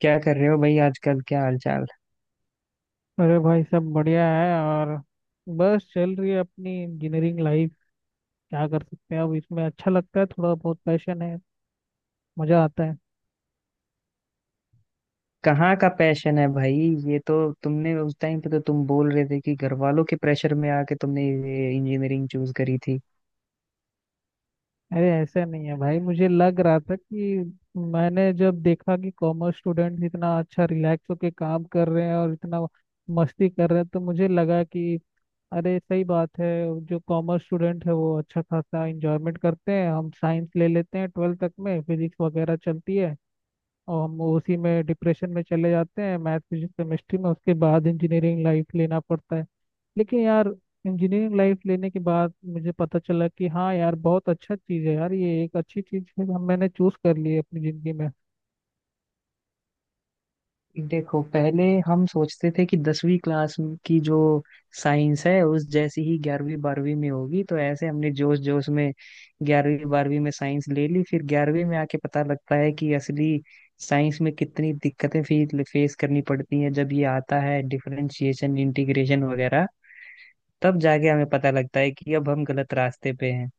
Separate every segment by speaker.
Speaker 1: क्या कर रहे हो भाई? आजकल क्या हालचाल?
Speaker 2: अरे भाई सब बढ़िया है। और बस चल रही है अपनी इंजीनियरिंग लाइफ। क्या कर सकते हैं अब इसमें। अच्छा लगता है, थोड़ा बहुत पैशन है। मजा आता है।
Speaker 1: कहाँ का पैशन है भाई? ये तो तुमने उस टाइम पे तो तुम बोल रहे थे कि घर वालों के प्रेशर में आके तुमने ये इंजीनियरिंग चूज करी थी।
Speaker 2: अरे ऐसा नहीं है भाई। मुझे लग रहा था कि मैंने जब देखा कि कॉमर्स स्टूडेंट इतना अच्छा रिलैक्स होके काम कर रहे हैं और इतना मस्ती कर रहे हैं, तो मुझे लगा कि अरे सही बात है। जो कॉमर्स स्टूडेंट है वो अच्छा खासा इंजॉयमेंट करते हैं। हम साइंस ले लेते हैं, ट्वेल्थ तक में फिजिक्स वगैरह चलती है, और हम उसी में डिप्रेशन में चले जाते हैं, मैथ फिजिक्स केमिस्ट्री में। उसके बाद इंजीनियरिंग लाइफ लेना पड़ता है। लेकिन यार इंजीनियरिंग लाइफ लेने के बाद मुझे पता चला कि हाँ यार बहुत अच्छा चीज़ है यार, ये एक अच्छी चीज़ है, हम मैंने चूज कर ली है अपनी ज़िंदगी में।
Speaker 1: देखो, पहले हम सोचते थे कि दसवीं क्लास की जो साइंस है उस जैसी ही ग्यारहवीं बारहवीं में होगी, तो ऐसे हमने जोश जोश में ग्यारहवीं बारहवीं में साइंस ले ली। फिर ग्यारहवीं में आके पता लगता है कि असली साइंस में कितनी दिक्कतें फेस करनी पड़ती हैं, जब ये आता है डिफरेंशिएशन इंटीग्रेशन वगैरह। तब जाके हमें पता लगता है कि अब हम गलत रास्ते पे हैं।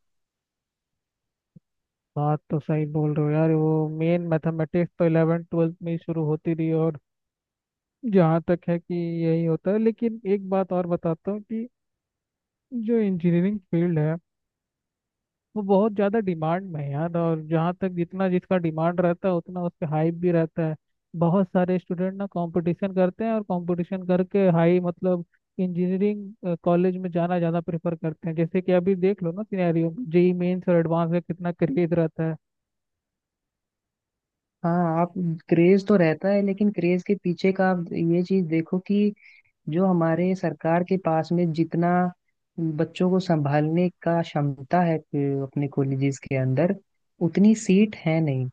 Speaker 2: बात तो सही बोल रहे हो यार। वो मेन मैथमेटिक्स तो 11th 12th में ही शुरू होती रही। और जहाँ तक है कि यही होता है, लेकिन एक बात और बताता हूँ कि जो इंजीनियरिंग फील्ड है वो बहुत ज़्यादा डिमांड में है यार। और जहाँ तक जितना जिसका डिमांड रहता है उतना उसके हाइप भी रहता है। बहुत सारे स्टूडेंट ना कंपटीशन करते हैं और कंपटीशन करके हाई मतलब इंजीनियरिंग कॉलेज में जाना ज़्यादा प्रेफर करते हैं। जैसे कि अभी देख लो ना सिनेरियो, जेई मेंस और एडवांस में कितना क्रेज रहता है।
Speaker 1: हाँ आप, क्रेज तो रहता है, लेकिन क्रेज के पीछे का आप ये चीज देखो कि जो हमारे सरकार के पास में जितना बच्चों को संभालने का क्षमता है, अपने कॉलेजेस के अंदर उतनी सीट है नहीं।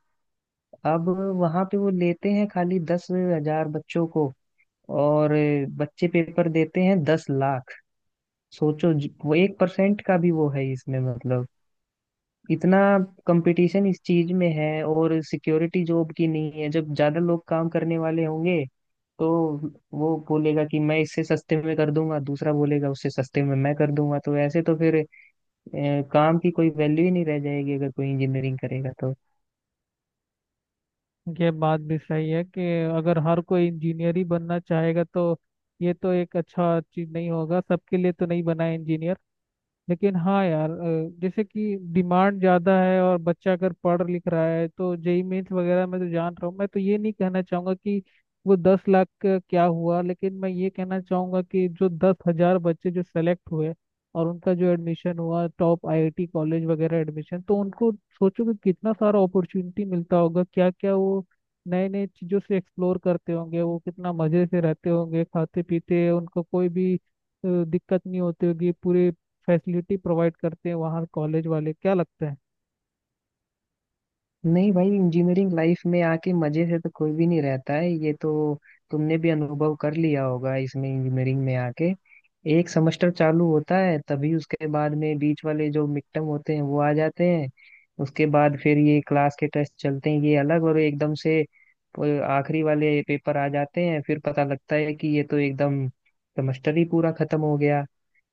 Speaker 1: अब वहां पे वो लेते हैं खाली 10,000 बच्चों को, और बच्चे पेपर देते हैं 10 लाख। सोचो, वो 1% का भी वो है इसमें, मतलब इतना कंपटीशन इस चीज में है, और सिक्योरिटी जॉब की नहीं है। जब ज्यादा लोग काम करने वाले होंगे तो वो बोलेगा कि मैं इससे सस्ते में कर दूंगा, दूसरा बोलेगा उससे सस्ते में मैं कर दूंगा, तो ऐसे तो फिर काम की कोई वैल्यू ही नहीं रह जाएगी अगर कोई इंजीनियरिंग करेगा तो।
Speaker 2: ये बात भी सही है कि अगर हर कोई इंजीनियर ही बनना चाहेगा तो ये तो एक अच्छा चीज़ नहीं होगा, सबके लिए तो नहीं बना है इंजीनियर। लेकिन हाँ यार, जैसे कि डिमांड ज़्यादा है और बच्चा अगर पढ़ लिख रहा है तो जेई मेंस वगैरह मैं तो जान रहा हूँ। मैं तो ये नहीं कहना चाहूँगा कि वो 10 लाख का क्या हुआ, लेकिन मैं ये कहना चाहूँगा कि जो 10 हजार बच्चे जो सेलेक्ट हुए और उनका जो एडमिशन हुआ टॉप आईआईटी कॉलेज वगैरह एडमिशन तो उनको, सोचो कि कितना सारा अपॉर्चुनिटी मिलता होगा। क्या क्या वो नए नए चीज़ों से एक्सप्लोर करते होंगे। वो कितना मज़े से रहते होंगे खाते पीते। उनको कोई भी दिक्कत नहीं होती होगी। पूरे फैसिलिटी प्रोवाइड करते हैं वहाँ कॉलेज वाले। क्या लगता है?
Speaker 1: नहीं भाई, इंजीनियरिंग लाइफ में आके मजे से तो कोई भी नहीं रहता है। ये तो तुमने भी अनुभव कर लिया होगा। इसमें इंजीनियरिंग में आके एक सेमेस्टर चालू होता है, तभी उसके बाद में बीच वाले जो मिड टर्म होते हैं वो आ जाते हैं। उसके बाद फिर ये क्लास के टेस्ट चलते हैं, ये अलग, और एकदम से वो आखिरी वाले पेपर आ जाते हैं। फिर पता लगता है कि ये तो एकदम सेमेस्टर ही पूरा खत्म हो गया।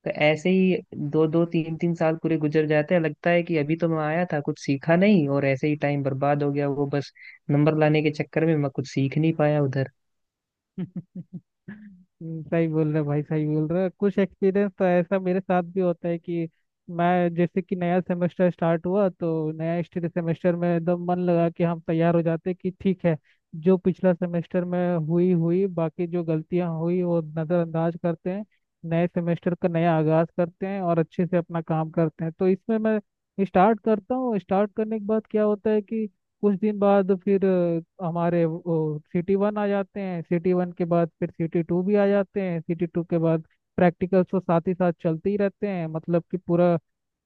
Speaker 1: तो ऐसे ही दो दो तीन तीन साल पूरे गुजर जाते हैं। लगता है कि अभी तो मैं आया था, कुछ सीखा नहीं और ऐसे ही टाइम बर्बाद हो गया। वो बस नंबर लाने के चक्कर में मैं कुछ सीख नहीं पाया उधर।
Speaker 2: सही बोल रहे भाई, सही बोल रहे। कुछ एक्सपीरियंस तो ऐसा मेरे साथ भी होता है कि मैं जैसे कि नया सेमेस्टर स्टार्ट हुआ तो नया सेमेस्टर में एकदम मन लगा कि हम तैयार हो जाते कि ठीक है, जो पिछला सेमेस्टर में हुई हुई बाकी जो गलतियां हुई वो नज़रअंदाज करते हैं, नए सेमेस्टर का नया आगाज करते हैं और अच्छे से अपना काम करते हैं। तो इसमें मैं स्टार्ट करता हूँ। स्टार्ट करने के बाद क्या होता है कि कुछ दिन बाद फिर हमारे सिटी वन आ जाते हैं, सिटी वन के बाद फिर सिटी टू भी आ जाते हैं, सिटी टू के बाद प्रैक्टिकल्स तो साथ ही साथ चलते ही रहते हैं। मतलब कि पूरा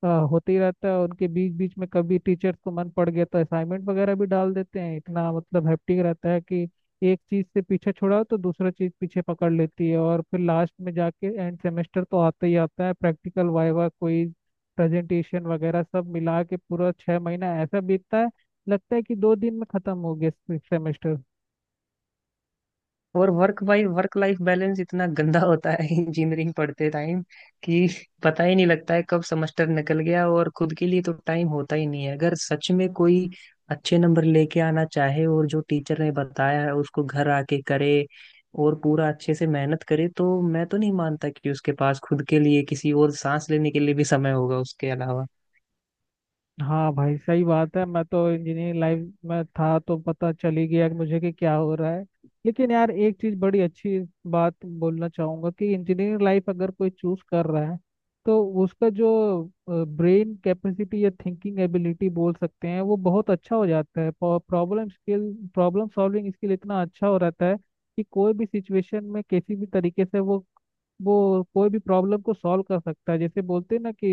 Speaker 2: होते ही रहता है। उनके बीच बीच में कभी टीचर्स को मन पड़ गया तो असाइनमेंट वगैरह भी डाल देते हैं। इतना मतलब हैप्टिक रहता है कि एक चीज से पीछे छुड़ाओ तो दूसरा चीज पीछे पकड़ लेती है। और फिर लास्ट में जाके एंड सेमेस्टर तो आता ही आता है, प्रैक्टिकल वाइवा कोई प्रेजेंटेशन वगैरह सब मिला के पूरा 6 महीना ऐसा बीतता है। लगता है कि दो दिन में खत्म हो गया सेमेस्टर।
Speaker 1: और वर्क भाई, वर्क लाइफ बैलेंस इतना गंदा होता है इंजीनियरिंग पढ़ते टाइम, कि पता ही नहीं लगता है कब सेमेस्टर निकल गया। और खुद के लिए तो टाइम होता ही नहीं है, अगर सच में कोई अच्छे नंबर लेके आना चाहे और जो टीचर ने बताया है उसको घर आके करे और पूरा अच्छे से मेहनत करे, तो मैं तो नहीं मानता कि उसके पास खुद के लिए किसी और सांस लेने के लिए भी समय होगा उसके अलावा।
Speaker 2: हाँ भाई सही बात है। मैं तो इंजीनियरिंग लाइफ में था तो पता चल ही गया कि मुझे कि क्या हो रहा है। लेकिन यार एक चीज बड़ी अच्छी बात बोलना चाहूंगा कि इंजीनियरिंग लाइफ अगर कोई चूज कर रहा है तो उसका जो ब्रेन कैपेसिटी या थिंकिंग एबिलिटी बोल सकते हैं वो बहुत अच्छा हो जाता है। Problem skill problem solving skill इतना अच्छा हो रहता है कि कोई भी सिचुएशन में किसी भी तरीके से वो कोई भी प्रॉब्लम को सॉल्व कर सकता है। जैसे बोलते हैं ना कि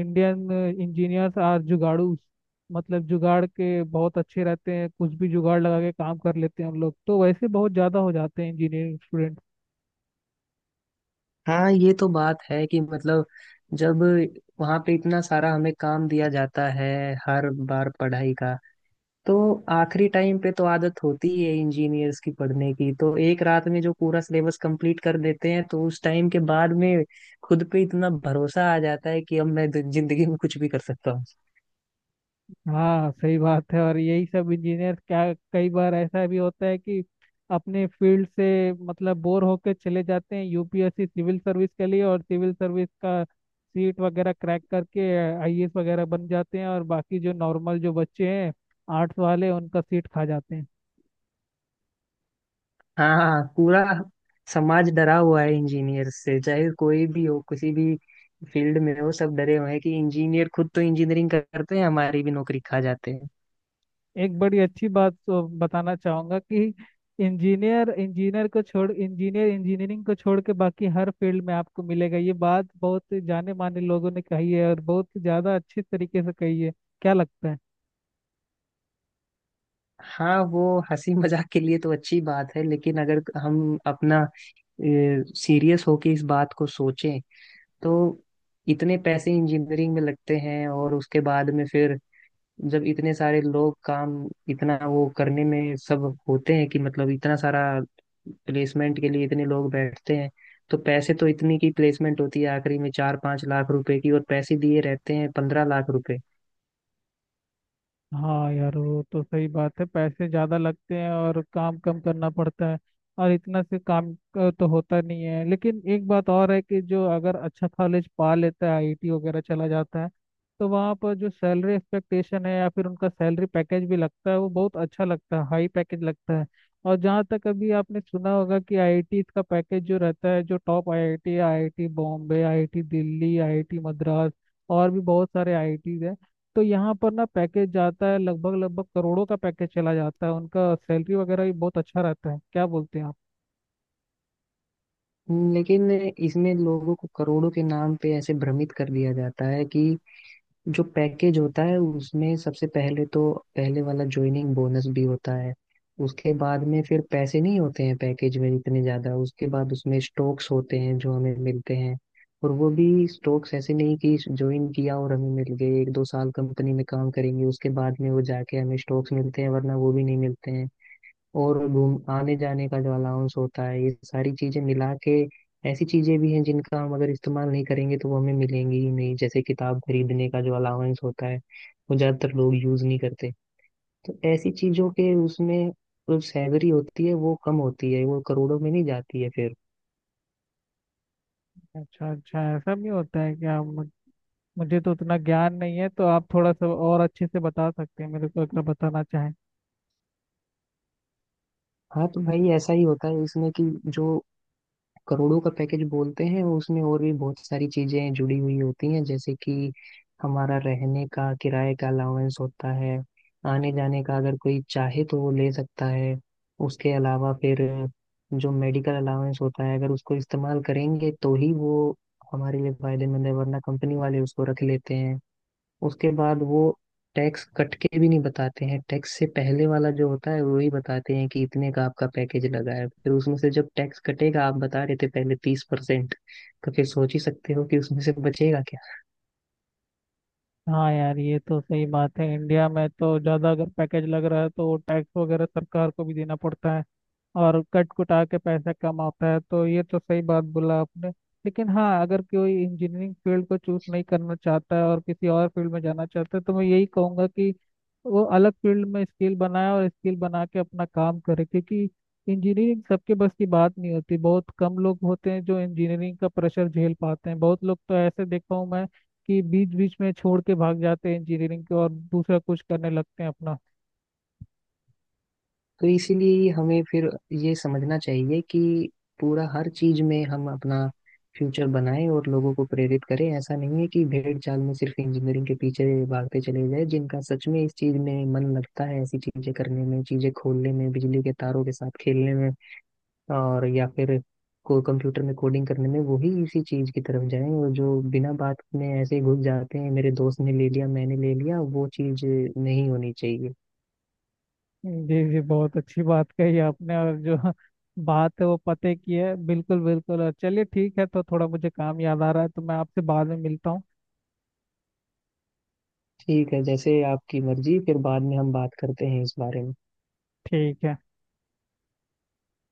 Speaker 2: इंडियन इंजीनियर्स आर जुगाड़ू। मतलब जुगाड़ के बहुत अच्छे रहते हैं, कुछ भी जुगाड़ लगा के काम कर लेते हैं हम लोग तो, वैसे बहुत ज़्यादा हो जाते हैं इंजीनियरिंग स्टूडेंट।
Speaker 1: हाँ, ये तो बात है कि, मतलब, जब वहां पे इतना सारा हमें काम दिया जाता है हर बार पढ़ाई का, तो आखिरी टाइम पे तो आदत होती ही है इंजीनियर्स की पढ़ने की, तो एक रात में जो पूरा सिलेबस कंप्लीट कर देते हैं, तो उस टाइम के बाद में खुद पे इतना भरोसा आ जाता है कि अब मैं जिंदगी में कुछ भी कर सकता हूँ।
Speaker 2: हाँ सही बात है। और यही सब इंजीनियर क्या, कई बार ऐसा भी होता है कि अपने फील्ड से मतलब बोर होकर चले जाते हैं यूपीएससी सिविल सर्विस के लिए, और सिविल सर्विस का सीट वगैरह क्रैक करके आईएएस वगैरह बन जाते हैं और बाकी जो नॉर्मल जो बच्चे हैं आर्ट्स वाले उनका सीट खा जाते हैं।
Speaker 1: हाँ, हाँ, पूरा समाज डरा हुआ है इंजीनियर से। चाहे कोई भी हो, किसी भी फील्ड में हो, सब डरे हुए हैं कि इंजीनियर खुद तो इंजीनियरिंग करते हैं, हमारी भी नौकरी खा जाते हैं।
Speaker 2: एक बड़ी अच्छी बात तो बताना चाहूंगा कि इंजीनियर इंजीनियर को छोड़ इंजीनियर इंजीनियरिंग को छोड़ के बाकी हर फील्ड में आपको मिलेगा, ये बात बहुत जाने माने लोगों ने कही है और बहुत ज्यादा अच्छे तरीके से कही है। क्या लगता है?
Speaker 1: हाँ, वो हंसी मजाक के लिए तो अच्छी बात है, लेकिन अगर हम अपना सीरियस होके इस बात को सोचें, तो इतने पैसे इंजीनियरिंग में लगते हैं और उसके बाद में फिर जब इतने सारे लोग काम, इतना वो करने में सब होते हैं, कि मतलब इतना सारा, प्लेसमेंट के लिए इतने लोग बैठते हैं, तो पैसे तो, इतनी की प्लेसमेंट होती है आखिरी में 4-5 लाख रुपए की, और पैसे दिए रहते हैं 15 लाख रुपए।
Speaker 2: हाँ यार वो तो सही बात है, पैसे ज़्यादा लगते हैं और काम कम करना पड़ता है। और इतना से काम का तो होता नहीं है, लेकिन एक बात और है कि जो अगर अच्छा कॉलेज पा लेता है, आईआईटी वगैरह चला जाता है, तो वहाँ पर जो सैलरी एक्सपेक्टेशन है या फिर उनका सैलरी पैकेज भी लगता है वो बहुत अच्छा लगता है, हाई पैकेज लगता है। और जहाँ तक अभी आपने सुना होगा कि आईआईटी का पैकेज जो रहता है, जो top IIT, IIT Bombay, IIT Delhi, IIT Madras और भी बहुत सारे आईआईटीज, तो यहाँ पर ना पैकेज जाता है लगभग लगभग करोड़ों का पैकेज चला जाता है। उनका सैलरी वगैरह भी बहुत अच्छा रहता है। क्या बोलते हैं आप?
Speaker 1: लेकिन इसमें लोगों को करोड़ों के नाम पे ऐसे भ्रमित कर दिया जाता है कि जो पैकेज होता है उसमें सबसे पहले तो पहले वाला ज्वाइनिंग बोनस भी होता है। उसके बाद में फिर पैसे नहीं होते हैं पैकेज में इतने ज्यादा। उसके बाद उसमें स्टॉक्स होते हैं जो हमें मिलते हैं, और वो भी स्टॉक्स ऐसे नहीं कि ज्वाइन किया और हमें मिल गए। 1-2 साल कंपनी में काम करेंगे उसके बाद में वो जाके हमें स्टॉक्स मिलते हैं, वरना वो भी नहीं मिलते हैं। और घूम आने जाने का जो अलाउंस होता है, ये सारी चीजें मिला के, ऐसी चीजें भी हैं जिनका हम अगर इस्तेमाल नहीं करेंगे तो वो हमें मिलेंगी ही नहीं। जैसे किताब खरीदने का जो अलाउंस होता है, वो ज्यादातर लोग यूज नहीं करते। तो ऐसी चीजों के उसमें जो सैलरी होती है वो कम होती है, वो करोड़ों में नहीं जाती है फिर।
Speaker 2: अच्छा अच्छा ऐसा भी होता है क्या? मुझे तो उतना ज्ञान नहीं है, तो आप थोड़ा सा और अच्छे से बता सकते हैं मेरे को, अगर बताना चाहें।
Speaker 1: हाँ तो भाई, ऐसा ही होता है इसमें कि जो करोड़ों का पैकेज बोलते हैं उसमें और भी बहुत सारी चीजें जुड़ी हुई होती हैं। जैसे कि हमारा रहने का किराए का अलाउंस होता है, आने जाने का अगर कोई चाहे तो वो ले सकता है। उसके अलावा फिर जो मेडिकल अलाउंस होता है, अगर उसको इस्तेमाल करेंगे तो ही वो हमारे लिए फायदेमंद है, वरना कंपनी वाले उसको रख लेते हैं। उसके बाद वो टैक्स कट के भी नहीं बताते हैं, टैक्स से पहले वाला जो होता है वही बताते हैं कि इतने का आपका पैकेज लगा है। फिर उसमें से जब टैक्स कटेगा, आप बता रहे थे पहले 30%, तो फिर सोच ही सकते हो कि उसमें से बचेगा क्या।
Speaker 2: हाँ यार ये तो सही बात है। इंडिया में तो ज़्यादा अगर पैकेज लग रहा है तो वो टैक्स वगैरह सरकार को भी देना पड़ता है, और कट कुटा के पैसा कम आता है, तो ये तो सही बात बोला आपने। लेकिन हाँ, अगर कोई इंजीनियरिंग फील्ड को चूज नहीं करना चाहता है और किसी और फील्ड में जाना चाहता है तो मैं यही कहूँगा कि वो अलग फील्ड में स्किल बनाए और स्किल बना के अपना काम करे, क्योंकि इंजीनियरिंग सबके बस की बात नहीं होती। बहुत कम लोग होते हैं जो इंजीनियरिंग का प्रेशर झेल पाते हैं। बहुत लोग तो ऐसे देखा हूँ मैं कि बीच बीच में छोड़ के भाग जाते हैं इंजीनियरिंग के और दूसरा कुछ करने लगते हैं अपना।
Speaker 1: तो इसीलिए हमें फिर ये समझना चाहिए कि पूरा हर चीज में हम अपना फ्यूचर बनाएं और लोगों को प्रेरित करें। ऐसा नहीं है कि भेड़ चाल में सिर्फ इंजीनियरिंग के पीछे भागते चले जाए। जिनका सच में इस चीज में मन लगता है ऐसी चीजें करने में, चीजें खोलने में, बिजली के तारों के साथ खेलने में, और या फिर को कंप्यूटर में कोडिंग करने में, वो ही इसी चीज की तरफ जाएं। और जो बिना बात में ऐसे ही घुस जाते हैं, मेरे दोस्त ने ले लिया मैंने ले लिया, वो चीज नहीं होनी चाहिए।
Speaker 2: जी जी बहुत अच्छी बात कही आपने, और जो बात है वो पते की है, बिल्कुल बिल्कुल। और चलिए ठीक है, तो थोड़ा मुझे काम याद आ रहा है, तो मैं आपसे बाद में मिलता हूँ।
Speaker 1: ठीक है, जैसे आपकी मर्जी, फिर बाद में हम बात करते हैं इस बारे में।
Speaker 2: ठीक है।